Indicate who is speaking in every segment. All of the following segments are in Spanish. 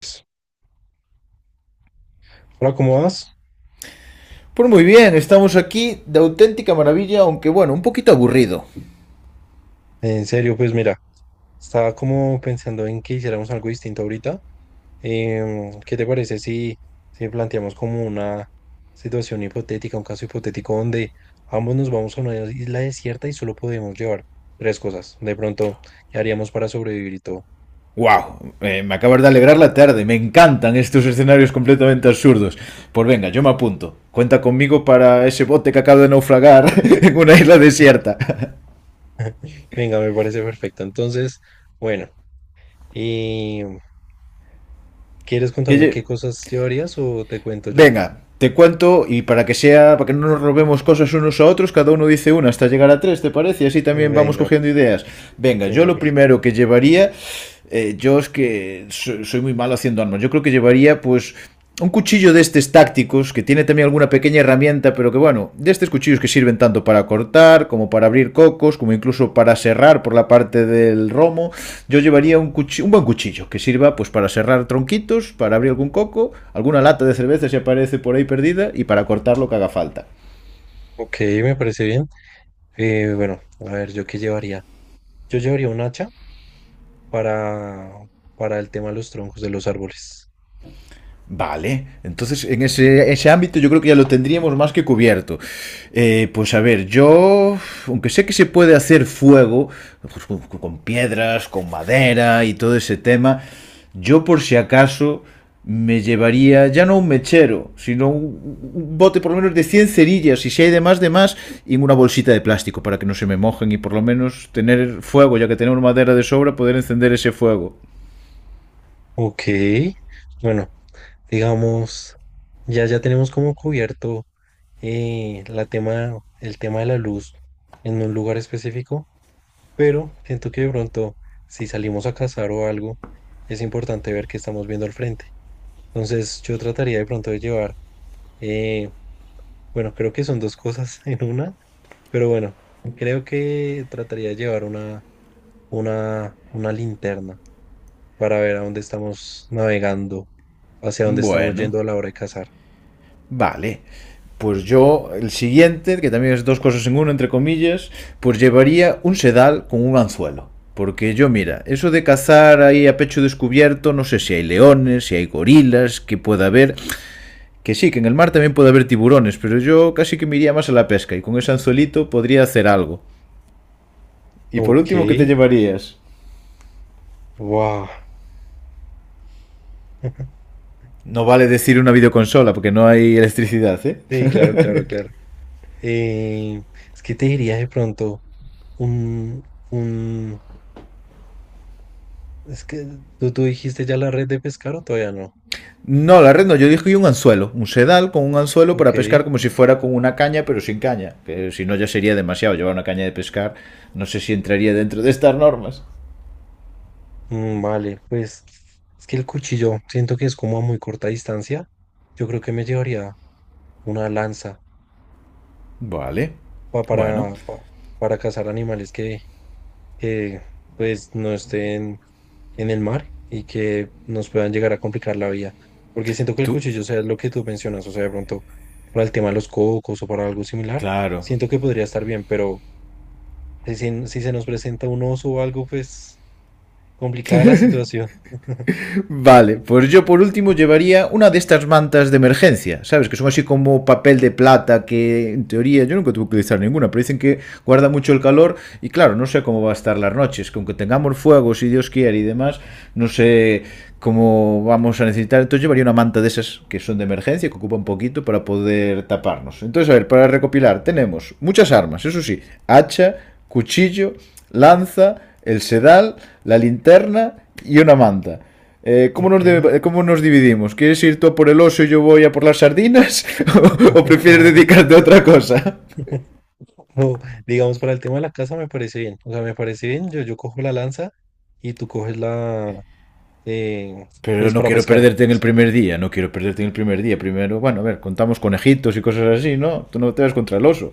Speaker 1: Pues, hola, ¿cómo vas?
Speaker 2: Pues muy bien, estamos aquí de auténtica maravilla, aunque bueno, un poquito aburrido.
Speaker 1: En serio, pues mira, estaba como pensando en que hiciéramos algo distinto ahorita. ¿Qué te parece si planteamos como una situación hipotética, un caso hipotético donde ambos nos vamos a una isla desierta y solo podemos llevar tres cosas? De pronto, ¿qué haríamos para sobrevivir y todo?
Speaker 2: ¡Wow! Me acabas de alegrar la tarde, me encantan estos escenarios completamente absurdos. Pues venga, yo me apunto. Cuenta conmigo para ese bote que acabo de naufragar en una isla desierta.
Speaker 1: Venga, me parece perfecto. Entonces, bueno, y, ¿quieres
Speaker 2: Que
Speaker 1: contarme qué cosas llevarías o te cuento yo?
Speaker 2: Venga, te cuento y para que sea, para que no nos robemos cosas unos a otros, cada uno dice una hasta llegar a tres, ¿te parece? Y así también vamos
Speaker 1: Venga,
Speaker 2: cogiendo ideas. Venga, yo
Speaker 1: venga,
Speaker 2: lo
Speaker 1: perfecto.
Speaker 2: primero que llevaría, yo es que soy muy malo haciendo armas. Yo creo que llevaría pues un cuchillo de estos tácticos que tiene también alguna pequeña herramienta, pero que bueno, de estos cuchillos que sirven tanto para cortar, como para abrir cocos, como incluso para serrar por la parte del romo. Yo llevaría un, cuchillo, un buen cuchillo que sirva pues para serrar tronquitos, para abrir algún coco, alguna lata de cerveza si aparece por ahí perdida y para cortar lo que haga falta.
Speaker 1: Ok, me parece bien. Bueno, a ver, ¿yo qué llevaría? Yo llevaría un hacha para, para el tema de los troncos de los árboles.
Speaker 2: Vale, entonces en ese, ese ámbito yo creo que ya lo tendríamos más que cubierto. Pues a ver, yo, aunque sé que se puede hacer fuego pues, con piedras, con madera y todo ese tema, yo por si acaso me llevaría ya no un mechero, sino un bote por lo menos de 100 cerillas y si hay demás, demás, y una bolsita de plástico para que no se me mojen y por lo menos tener fuego, ya que tenemos madera de sobra, poder encender ese fuego.
Speaker 1: Ok, bueno, digamos, ya tenemos como cubierto la tema, el tema de la luz en un lugar específico, pero siento que de pronto, si salimos a cazar o algo, es importante ver qué estamos viendo al frente. Entonces, yo trataría de pronto de llevar, eh, bueno, creo que son dos cosas en una. Pero bueno, creo que trataría de llevar una linterna para ver a dónde estamos navegando, hacia dónde estamos
Speaker 2: Bueno.
Speaker 1: yendo a la hora de cazar.
Speaker 2: Vale. Pues yo, el siguiente, que también es dos cosas en uno, entre comillas, pues llevaría un sedal con un anzuelo. Porque yo, mira, eso de cazar ahí a pecho descubierto, no sé si hay leones, si hay gorilas, que pueda haber. Que sí, que en el mar también puede haber tiburones, pero yo casi que me iría más a la pesca y con ese anzuelito podría hacer algo. Y por
Speaker 1: Ok,
Speaker 2: último, ¿qué te llevarías?
Speaker 1: wow.
Speaker 2: No vale decir una videoconsola porque no hay electricidad, ¿eh?
Speaker 1: Sí, claro, claro, claro. Eh, es que te diría de pronto un, un, es que tú dijiste ya la red de pescar o todavía no.
Speaker 2: No, la red no, yo dije un anzuelo, un sedal con un anzuelo para
Speaker 1: Ok,
Speaker 2: pescar como si fuera con una caña, pero sin caña, que si no ya sería demasiado llevar una caña de pescar, no sé si entraría dentro de estas normas.
Speaker 1: mm, vale, pues es que el cuchillo siento que es como a muy corta distancia. Yo creo que me llevaría una lanza
Speaker 2: Vale,
Speaker 1: pa-
Speaker 2: bueno,
Speaker 1: para, pa- para cazar animales que pues no estén en el mar y que nos puedan llegar a complicar la vida. Porque siento que el
Speaker 2: tú,
Speaker 1: cuchillo, o sea, es lo que tú mencionas, o sea, de pronto para el tema de los cocos o para algo similar,
Speaker 2: claro,
Speaker 1: siento que podría estar bien, pero si se nos presenta un oso o algo, pues complicada la situación.
Speaker 2: vale, pues yo por último llevaría una de estas mantas de emergencia, ¿sabes? Que son así como papel de plata, que en teoría yo nunca tuve que utilizar ninguna, pero dicen que guarda mucho el calor y claro, no sé cómo va a estar las noches, que aunque tengamos fuego, si Dios quiere y demás, no sé cómo vamos a necesitar. Entonces llevaría una manta de esas que son de emergencia, que ocupa un poquito para poder taparnos. Entonces, a ver, para recopilar, tenemos muchas armas, eso sí, hacha, cuchillo, lanza, el sedal, la linterna y una manta. ¿Cómo,
Speaker 1: Ok.
Speaker 2: ¿cómo nos dividimos? ¿Quieres ir tú a por el oso y yo voy a por las sardinas? ¿O, o prefieres dedicarte a otra cosa?
Speaker 1: O, digamos, para el tema de la casa me parece bien. O sea, me parece bien. Yo cojo la lanza y tú coges la, eh,
Speaker 2: Pero
Speaker 1: pues
Speaker 2: no
Speaker 1: para
Speaker 2: quiero
Speaker 1: pescar.
Speaker 2: perderte en el primer día, no quiero perderte en el primer día. Primero, bueno, a ver, contamos conejitos y cosas así, ¿no? Tú no te vas contra el oso.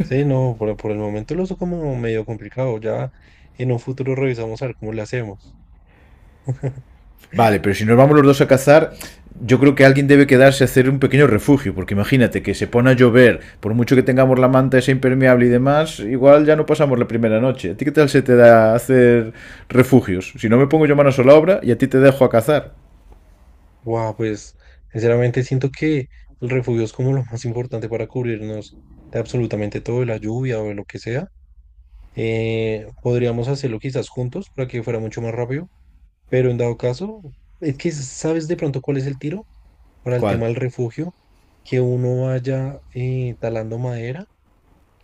Speaker 1: Sí, no, por el momento lo uso como medio complicado. Ya en un futuro revisamos a ver cómo le hacemos.
Speaker 2: Vale, pero si nos vamos los dos a cazar, yo creo que alguien debe quedarse a hacer un pequeño refugio, porque imagínate que se pone a llover, por mucho que tengamos la manta esa impermeable y demás, igual ya no pasamos la primera noche. ¿A ti qué tal se te da hacer refugios? Si no me pongo yo manos a la obra y a ti te dejo a cazar.
Speaker 1: Guau, pues sinceramente siento que el refugio es como lo más importante para cubrirnos de absolutamente todo, de la lluvia o de lo que sea. Podríamos hacerlo quizás juntos para que fuera mucho más rápido, pero en dado caso, es que sabes de pronto cuál es el tiro para el tema
Speaker 2: ¿Cuál?
Speaker 1: del refugio, que uno vaya talando madera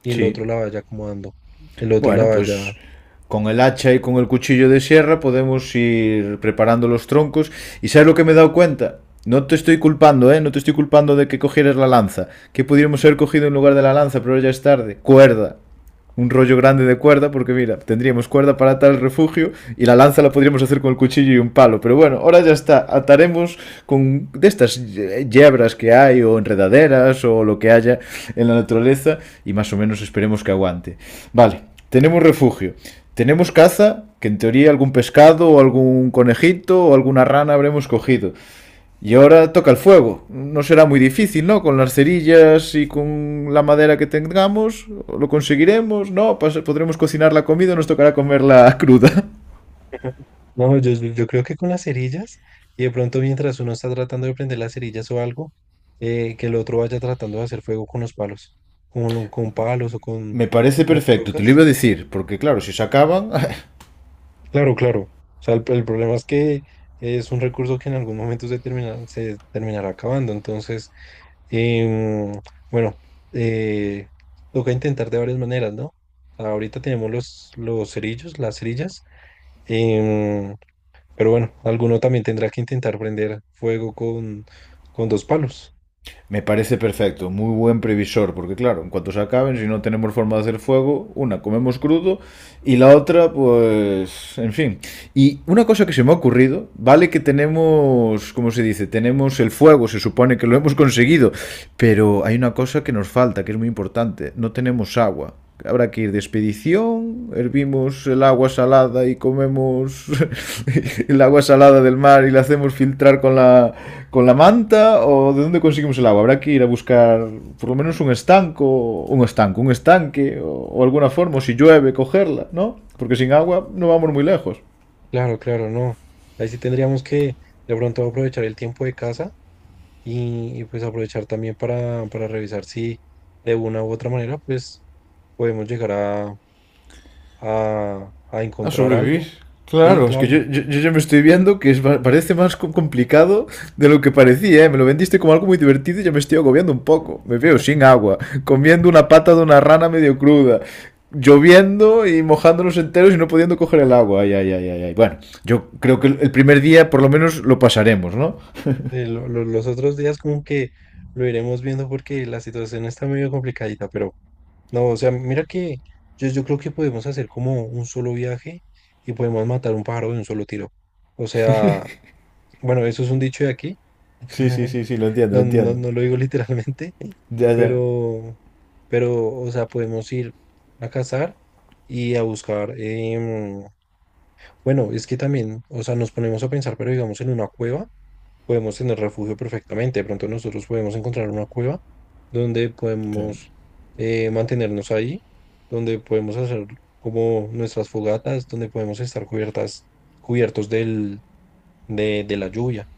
Speaker 1: y el
Speaker 2: Sí.
Speaker 1: otro la vaya acomodando, el otro la
Speaker 2: Bueno,
Speaker 1: vaya.
Speaker 2: pues con el hacha y con el cuchillo de sierra podemos ir preparando los troncos. ¿Y sabes lo que me he dado cuenta? No te estoy culpando, ¿eh? No te estoy culpando de que cogieras la lanza. Que pudiéramos haber cogido en lugar de la lanza, pero ya es tarde. Cuerda. Un rollo grande de cuerda, porque mira, tendríamos cuerda para atar el refugio y la lanza la podríamos hacer con el cuchillo y un palo. Pero bueno, ahora ya está, ataremos con de estas yebras que hay o enredaderas o lo que haya en la naturaleza y más o menos esperemos que aguante. Vale, tenemos refugio. Tenemos caza, que en teoría algún pescado o algún conejito o alguna rana habremos cogido. Y ahora toca el fuego. No será muy difícil, ¿no? Con las cerillas y con la madera que tengamos, lo conseguiremos, ¿no? Podremos cocinar la comida, nos tocará comerla cruda.
Speaker 1: No, yo creo que con las cerillas, y de pronto mientras uno está tratando de prender las cerillas o algo, que el otro vaya tratando de hacer fuego con los palos, con palos o
Speaker 2: Me parece
Speaker 1: con
Speaker 2: perfecto, te lo
Speaker 1: rocas.
Speaker 2: iba a decir, porque claro, si se acaban,
Speaker 1: Claro, claro. O sea, el problema es que es un recurso que en algún momento se termina, se terminará acabando. Entonces, em, bueno, eh, toca intentar de varias maneras, ¿no? Ahorita tenemos los cerillos, las cerillas. Em, Pero bueno, alguno también tendrá que intentar prender fuego con dos palos.
Speaker 2: me parece perfecto, muy buen previsor, porque claro, en cuanto se acaben, si no tenemos forma de hacer fuego, una comemos crudo y la otra, pues, en fin. Y una cosa que se me ha ocurrido, vale que tenemos, ¿cómo se dice? Tenemos el fuego, se supone que lo hemos conseguido, pero hay una cosa que nos falta, que es muy importante, no tenemos agua. Habrá que ir de expedición, hervimos el agua salada y comemos el agua salada del mar y la hacemos filtrar con la manta, o de dónde conseguimos el agua. Habrá que ir a buscar por lo menos un estanco, un estanco, un estanque, o alguna forma, o si llueve, cogerla, ¿no? Porque sin agua no vamos muy lejos.
Speaker 1: Claro, claro, no. Ahí sí tendríamos que de pronto aprovechar el tiempo de casa pues aprovechar también para revisar si de una u otra manera pues podemos llegar a
Speaker 2: A
Speaker 1: encontrar
Speaker 2: sobrevivir.
Speaker 1: algo. Sí,
Speaker 2: Claro, es que yo,
Speaker 1: claro.
Speaker 2: yo, yo ya me estoy viendo que es parece más complicado de lo que parecía, ¿eh? Me lo vendiste como algo muy divertido y ya me estoy agobiando un poco. Me veo sin agua, comiendo una pata de una rana medio cruda, lloviendo y mojándonos enteros y no pudiendo coger el agua. Ay, ay, ay, ay, ay. Bueno, yo creo que el primer día por lo menos lo pasaremos, ¿no?
Speaker 1: Los otros días como que lo iremos viendo porque la situación está medio complicadita, pero... No, o sea, mira que yo creo que podemos hacer como un solo viaje y podemos matar un pájaro de un solo tiro. O sea, bueno, eso es un dicho de aquí.
Speaker 2: Sí, sí, sí, sí, lo entiendo, lo
Speaker 1: No, no,
Speaker 2: entiendo.
Speaker 1: no lo digo literalmente,
Speaker 2: Ya, ya.
Speaker 1: pero, pero, o sea, podemos ir a cazar y a buscar. Bueno, es que también, o sea, nos ponemos a pensar, pero digamos en una cueva podemos tener refugio perfectamente. De pronto nosotros podemos encontrar una cueva donde
Speaker 2: Claro.
Speaker 1: podemos mantenernos ahí, donde podemos hacer como nuestras fogatas, donde podemos estar cubiertas, cubiertos del, de la lluvia.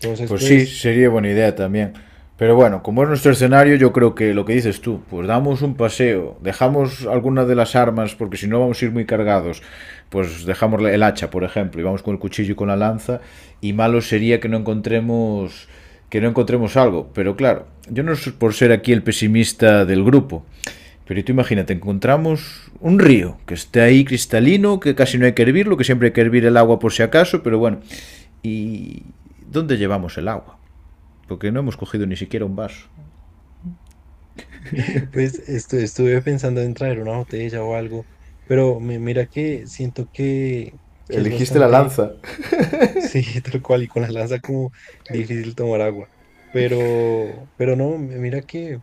Speaker 1: Entonces,
Speaker 2: Pues sí,
Speaker 1: pues,
Speaker 2: sería buena idea también. Pero bueno, como es nuestro escenario, yo creo que lo que dices tú, pues damos un paseo, dejamos alguna de las armas, porque si no vamos a ir muy cargados, pues dejamos el hacha, por ejemplo, y vamos con el cuchillo y con la lanza, y malo sería que no encontremos algo. Pero claro, yo no soy por ser aquí el pesimista del grupo, pero tú imagínate, encontramos un río que esté ahí cristalino, que casi no hay que hervirlo, que siempre hay que hervir el agua por si acaso, pero bueno. ¿Y dónde llevamos el agua? Porque no hemos cogido ni siquiera un vaso.
Speaker 1: pues estuve pensando en traer una botella o algo, pero mira que siento que es
Speaker 2: Elegiste la
Speaker 1: bastante
Speaker 2: lanza.
Speaker 1: sí, tal cual, y con la lanza como difícil tomar agua. Pero no, mira que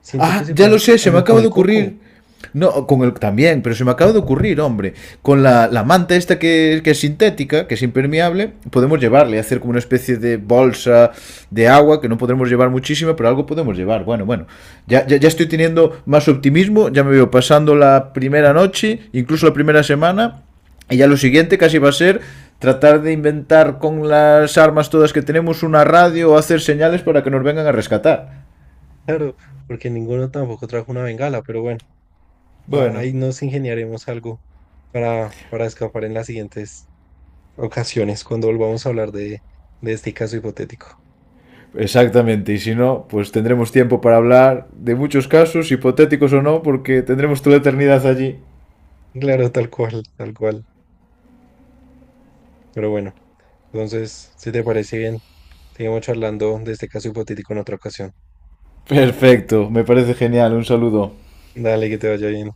Speaker 1: siento que
Speaker 2: Ah,
Speaker 1: se
Speaker 2: ya lo
Speaker 1: pueden
Speaker 2: sé, se me
Speaker 1: hablar con
Speaker 2: acaba
Speaker 1: el
Speaker 2: de
Speaker 1: coco,
Speaker 2: ocurrir. No, con el también, pero se me acaba de ocurrir, hombre. Con la, la manta esta que es sintética, que es impermeable, podemos llevarle, hacer como una especie de bolsa de agua, que no podremos llevar muchísima, pero algo podemos llevar. Bueno, bueno, ya, ya, ya estoy teniendo más optimismo, ya me veo pasando la primera noche, incluso la primera semana, y ya lo siguiente casi va a ser tratar de inventar con las armas todas que tenemos una radio o hacer señales para que nos vengan a rescatar.
Speaker 1: claro, porque ninguno tampoco trajo una bengala, pero bueno,
Speaker 2: Bueno,
Speaker 1: ahí nos ingeniaremos algo para escapar en las siguientes ocasiones cuando volvamos a hablar de este caso hipotético.
Speaker 2: exactamente, y si no, pues tendremos tiempo para hablar de muchos casos, hipotéticos o no, porque tendremos toda la eternidad allí.
Speaker 1: Claro, tal cual, tal cual. Pero bueno, entonces, si te parece bien, seguimos charlando de este caso hipotético en otra ocasión.
Speaker 2: Perfecto, me parece genial, un saludo.
Speaker 1: Dale, que te vaya bien.